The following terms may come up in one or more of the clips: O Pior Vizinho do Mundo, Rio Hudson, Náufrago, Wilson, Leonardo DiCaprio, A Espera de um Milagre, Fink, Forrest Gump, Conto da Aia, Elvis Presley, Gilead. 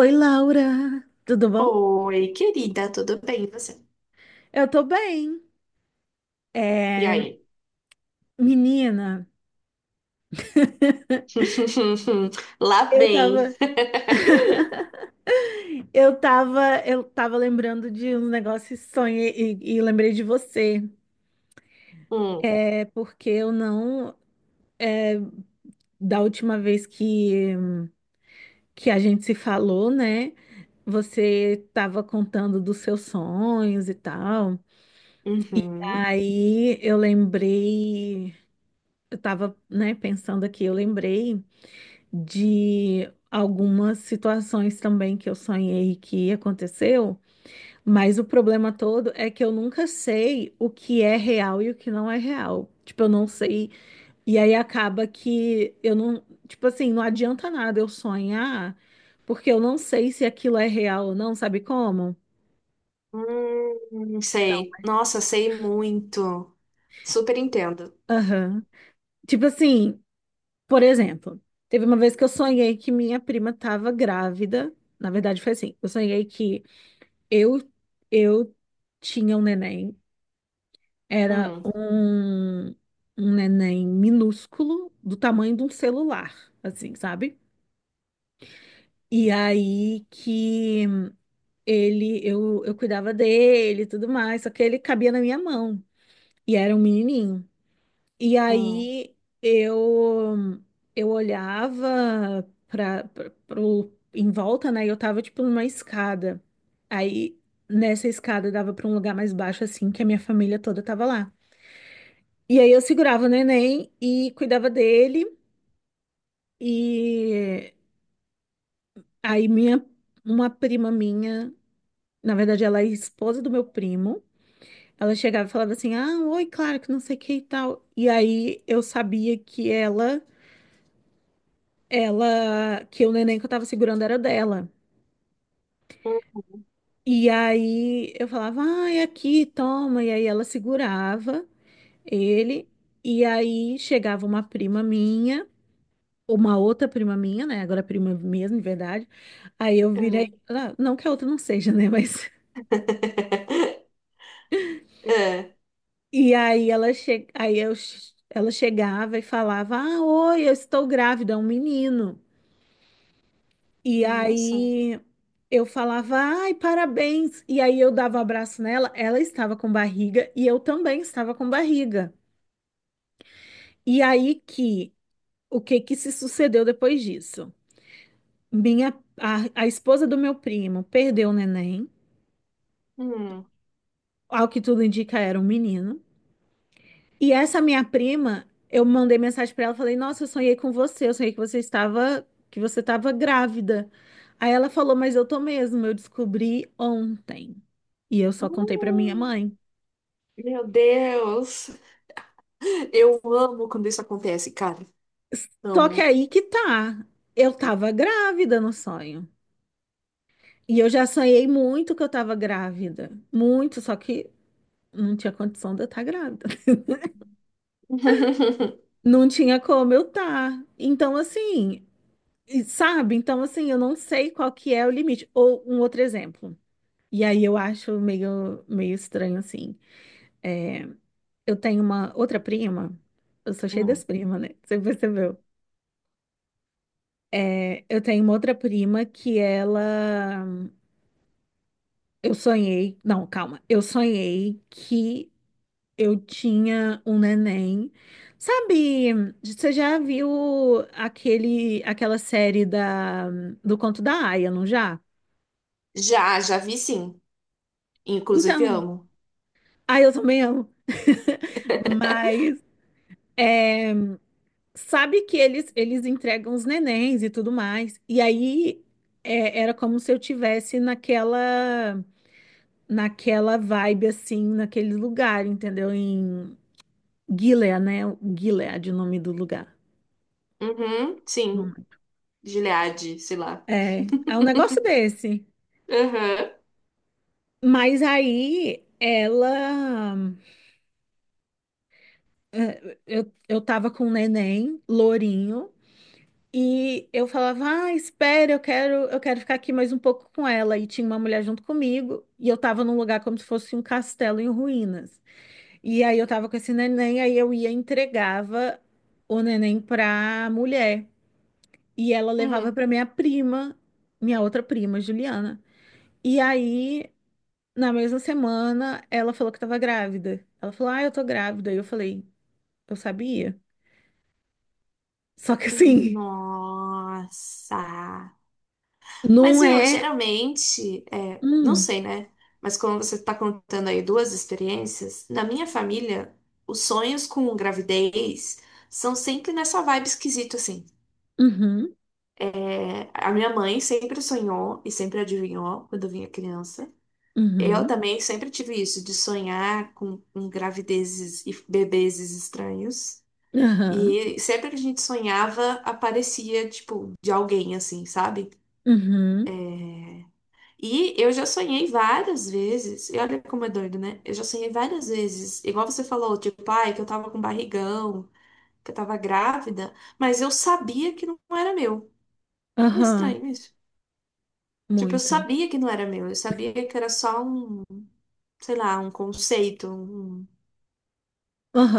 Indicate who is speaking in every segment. Speaker 1: Oi, Laura, tudo bom?
Speaker 2: Oi, querida, tudo bem? E você?
Speaker 1: Eu tô bem. É,
Speaker 2: E aí?
Speaker 1: menina,
Speaker 2: Lá
Speaker 1: eu
Speaker 2: vem.
Speaker 1: tava, eu tava lembrando de um negócio e sonhei e lembrei de você.
Speaker 2: Hum,
Speaker 1: É porque eu não, da última vez que a gente se falou, né? Você tava contando dos seus sonhos e tal.
Speaker 2: uhum.
Speaker 1: Aí eu lembrei, eu tava, né, pensando aqui, eu lembrei de algumas situações também que eu sonhei que aconteceu, mas o problema todo é que eu nunca sei o que é real e o que não é real. Tipo, eu não sei. E aí acaba que eu não, tipo assim, não adianta nada eu sonhar, porque eu não sei se aquilo é real ou não, sabe como?
Speaker 2: Sei. Nossa, sei muito. Super entendo.
Speaker 1: Aham. Tipo assim, por exemplo, teve uma vez que eu sonhei que minha prima tava grávida. Na verdade, foi assim, eu sonhei que eu, eu tinha um neném, era
Speaker 2: Hum,
Speaker 1: um, um neném minúsculo, do tamanho de um celular, assim, sabe? E aí que ele, eu, cuidava dele e tudo mais, só que ele cabia na minha mão. E era um menininho. E
Speaker 2: hum,
Speaker 1: aí eu olhava para pro em volta, né? E eu tava tipo numa escada. Aí nessa escada dava para um lugar mais baixo assim, que a minha família toda tava lá. E aí eu segurava o neném e cuidava dele e aí minha uma prima minha, na verdade ela é esposa do meu primo. Ela chegava e falava assim: "Ah, oi, claro que não sei o que e tal". E aí eu sabia que ela, que o neném que eu tava segurando era dela.
Speaker 2: hum,
Speaker 1: E aí eu falava, ai, aqui, toma. E aí ela segurava ele. E aí chegava uma prima minha, uma outra prima minha, né? Agora prima mesmo, de verdade. Aí eu
Speaker 2: é.
Speaker 1: virei, ah, não que a outra não seja, né? Mas.
Speaker 2: É.
Speaker 1: E aí ela che... aí eu... ela chegava e falava, ah, oi, eu estou grávida, é um menino. E
Speaker 2: Nossa.
Speaker 1: aí eu falava, ai, parabéns. E aí eu dava um abraço nela, ela estava com barriga e eu também estava com barriga. E aí que, o que que se sucedeu depois disso? Minha, a, esposa do meu primo perdeu o neném,
Speaker 2: Hum.
Speaker 1: ao que tudo indica era um menino. E essa minha prima, eu mandei mensagem pra ela, falei: "Nossa, eu sonhei com você, eu sonhei que você estava grávida". Aí ela falou: "Mas eu tô mesmo, eu descobri ontem". E eu só contei pra minha
Speaker 2: Hum.
Speaker 1: mãe.
Speaker 2: Meu Deus. Eu amo quando isso acontece, cara.
Speaker 1: Só que
Speaker 2: Amo.
Speaker 1: aí que tá. Eu tava grávida no sonho. E eu já sonhei muito que eu tava grávida, muito, só que não tinha condição de eu estar grávida. Não tinha como eu tá. Então assim, e sabe? Então assim, eu não sei qual que é o limite. Ou um outro exemplo. E aí eu acho meio, meio estranho, assim. É, eu tenho uma outra prima, eu sou cheia das
Speaker 2: Hum.
Speaker 1: primas, né? Você percebeu? É, eu tenho uma outra prima que ela. Eu sonhei. Não, calma. Eu sonhei que eu tinha um neném. Sabe, você já viu aquele, aquela série da, do Conto da Aia, não já?
Speaker 2: Já, já vi sim. Inclusive
Speaker 1: Então,
Speaker 2: amo.
Speaker 1: aí eu também amo. Mas. É, sabe que eles entregam os nenéns e tudo mais. E aí é, era como se eu tivesse naquela, naquela vibe assim, naquele lugar, entendeu? Em Gilead, né? Gilead, o nome do lugar.
Speaker 2: Uhum, sim,
Speaker 1: Não-
Speaker 2: Gilead, sei lá.
Speaker 1: É, é um negócio desse.
Speaker 2: Aham.
Speaker 1: Mas aí ela é, eu, tava com um neném, lourinho. E eu falava, ah, espera, eu quero ficar aqui mais um pouco com ela. E tinha uma mulher junto comigo, e eu tava num lugar como se fosse um castelo em ruínas. E aí eu tava com esse neném, aí eu ia e entregava o neném pra mulher. E ela levava
Speaker 2: Hum.
Speaker 1: pra minha prima, minha outra prima, Juliana. E aí, na mesma semana, ela falou que tava grávida. Ela falou, ah, eu tô grávida. E eu falei, eu sabia. Só que assim,
Speaker 2: Nossa. Mas,
Speaker 1: não
Speaker 2: viu,
Speaker 1: é.
Speaker 2: geralmente, não
Speaker 1: Hum,
Speaker 2: sei, né? Mas como você tá contando aí duas experiências, na minha família, os sonhos com gravidez são sempre nessa vibe esquisita, assim.
Speaker 1: uhum,
Speaker 2: É, a minha mãe sempre sonhou e sempre adivinhou quando eu vinha criança. Eu
Speaker 1: uhum.
Speaker 2: também sempre tive isso, de sonhar com gravidezes e bebezes estranhos.
Speaker 1: Aham.
Speaker 2: E sempre que a gente sonhava, aparecia, tipo, de alguém, assim, sabe?
Speaker 1: Uhum.
Speaker 2: E eu já sonhei várias vezes, e olha como é doido, né? Eu já sonhei várias vezes, igual você falou, tipo, ai, que eu tava com barrigão, que eu tava grávida, mas eu sabia que não era meu. Não é
Speaker 1: Aham.
Speaker 2: estranho isso? Tipo, eu
Speaker 1: Muito.
Speaker 2: sabia que não era meu, eu sabia que era só um, sei lá, um conceito, um,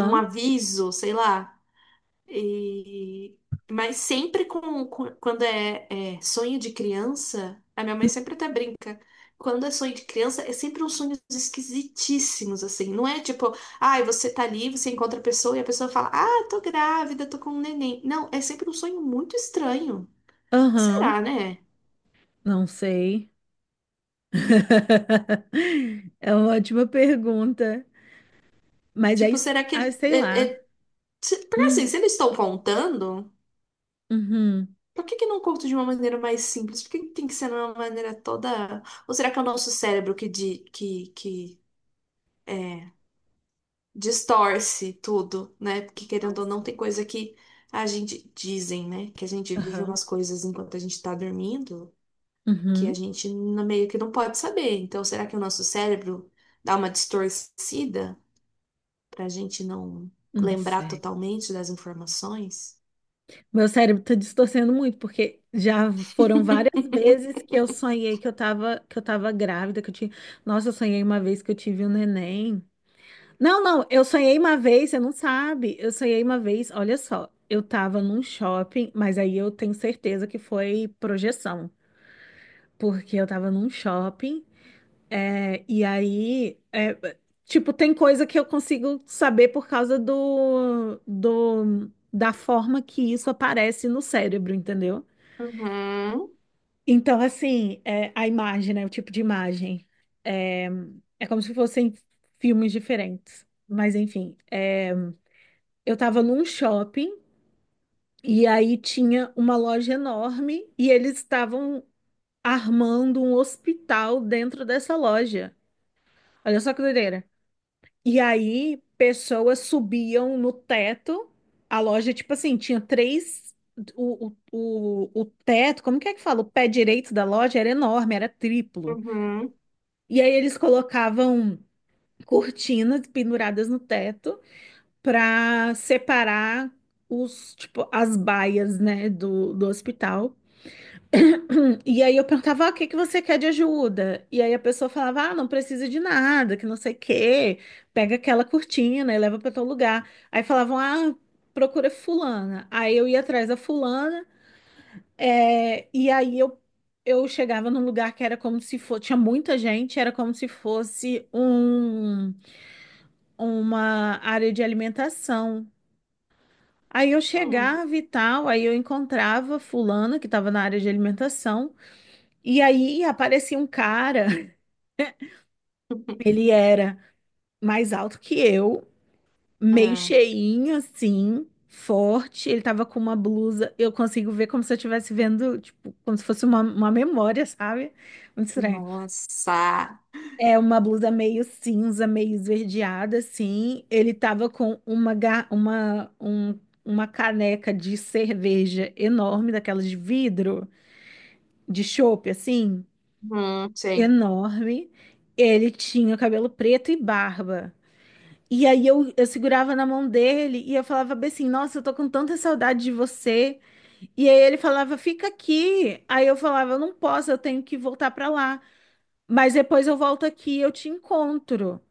Speaker 2: um aviso, sei lá. E... mas sempre quando é sonho de criança, a minha mãe sempre até brinca. Quando é sonho de criança, é sempre uns sonhos esquisitíssimos, assim. Não é tipo, ai, você tá ali, você encontra a pessoa e a pessoa fala, ah, tô grávida, tô com um neném. Não, é sempre um sonho muito estranho.
Speaker 1: Aham.
Speaker 2: Será, né?
Speaker 1: Não sei. É uma ótima pergunta. Mas é,
Speaker 2: Tipo,
Speaker 1: est-
Speaker 2: será
Speaker 1: ah,
Speaker 2: que.
Speaker 1: sei lá.
Speaker 2: Porque assim,
Speaker 1: Hum.
Speaker 2: se eles estão contando,
Speaker 1: Uhum.
Speaker 2: por que que não conto de uma maneira mais simples? Por que que tem que ser de uma maneira toda. Ou será que é o nosso cérebro que É, distorce tudo, né? Porque
Speaker 1: Não
Speaker 2: querendo ou não,
Speaker 1: sei.
Speaker 2: tem coisa que a gente dizem, né? Que a gente vive
Speaker 1: Aham.
Speaker 2: umas coisas enquanto a gente tá dormindo que a
Speaker 1: Uhum.
Speaker 2: gente meio que não pode saber. Então, será que o nosso cérebro dá uma distorcida pra gente não
Speaker 1: Não
Speaker 2: lembrar
Speaker 1: sei.
Speaker 2: totalmente das informações?
Speaker 1: Meu cérebro tá distorcendo muito, porque já foram várias vezes que eu sonhei que eu tava grávida, que eu tinha... Nossa, eu sonhei uma vez que eu tive um neném. Não, não, eu sonhei uma vez, você não sabe. Eu sonhei uma vez, olha só, eu tava num shopping, mas aí eu tenho certeza que foi projeção, porque eu tava num shopping, é, e aí, é, tipo, tem coisa que eu consigo saber por causa da forma que isso aparece no cérebro, entendeu?
Speaker 2: Uhum,
Speaker 1: Então, assim, é, a imagem, né, o tipo de imagem, é, é como se fossem filmes diferentes, mas enfim, é, eu estava num shopping e aí tinha uma loja enorme e eles estavam armando um hospital dentro dessa loja. Olha só que doideira. E aí pessoas subiam no teto. A loja, tipo assim, tinha três. O, o, o teto, como que é que fala? O pé direito da loja era enorme, era triplo.
Speaker 2: uhum,
Speaker 1: E aí eles colocavam cortinas penduradas no teto para separar os, tipo, as baias, né, do hospital. E aí eu perguntava, ah, o que que você quer de ajuda? E aí a pessoa falava, ah, não precisa de nada, que não sei o quê, pega aquela cortina e leva para tal lugar. Aí falavam, ah, procura fulana. Aí eu ia atrás da fulana, é, e aí eu chegava num lugar que era como se fosse, tinha muita gente, era como se fosse um, uma área de alimentação. Aí eu
Speaker 2: hum.
Speaker 1: chegava e tal, aí eu encontrava fulano que estava na área de alimentação, e aí aparecia um cara, ele era mais alto que eu, meio
Speaker 2: Ah,
Speaker 1: cheinho assim, forte, ele tava com uma blusa, eu consigo ver como se eu estivesse vendo, tipo, como se fosse uma memória, sabe? Muito estranho.
Speaker 2: nossa.
Speaker 1: É uma blusa meio cinza, meio esverdeada assim, ele tava com uma, ga- uma, um- uma caneca de cerveja enorme, daquelas de vidro, de chope, assim,
Speaker 2: Sei.
Speaker 1: enorme. Ele tinha cabelo preto e barba. E aí eu, segurava na mão dele e eu falava bem assim, nossa, eu tô com tanta saudade de você. E aí ele falava, fica aqui. Aí eu falava, eu não posso, eu tenho que voltar pra lá. Mas depois eu volto aqui e eu te encontro.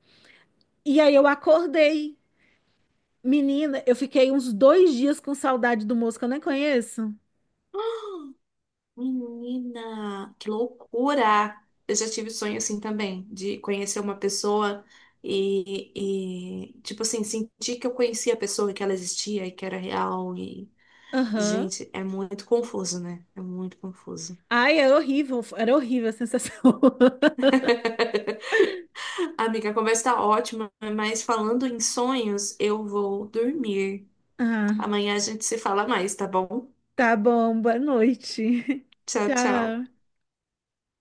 Speaker 1: E aí eu acordei. Menina, eu fiquei uns 2 dias com saudade do moço que eu nem conheço.
Speaker 2: Menina, que loucura! Eu já tive sonho assim também, de conhecer uma pessoa tipo assim, sentir que eu conhecia a pessoa, que ela existia e que era real. E,
Speaker 1: Aham.
Speaker 2: gente, é muito confuso, né? É muito confuso.
Speaker 1: Ai, era horrível a sensação.
Speaker 2: Amiga, a conversa tá ótima, mas falando em sonhos, eu vou dormir.
Speaker 1: Ah.
Speaker 2: Amanhã a gente se fala mais, tá bom?
Speaker 1: Tá bom, boa noite.
Speaker 2: Tchau, tchau.
Speaker 1: Tchau.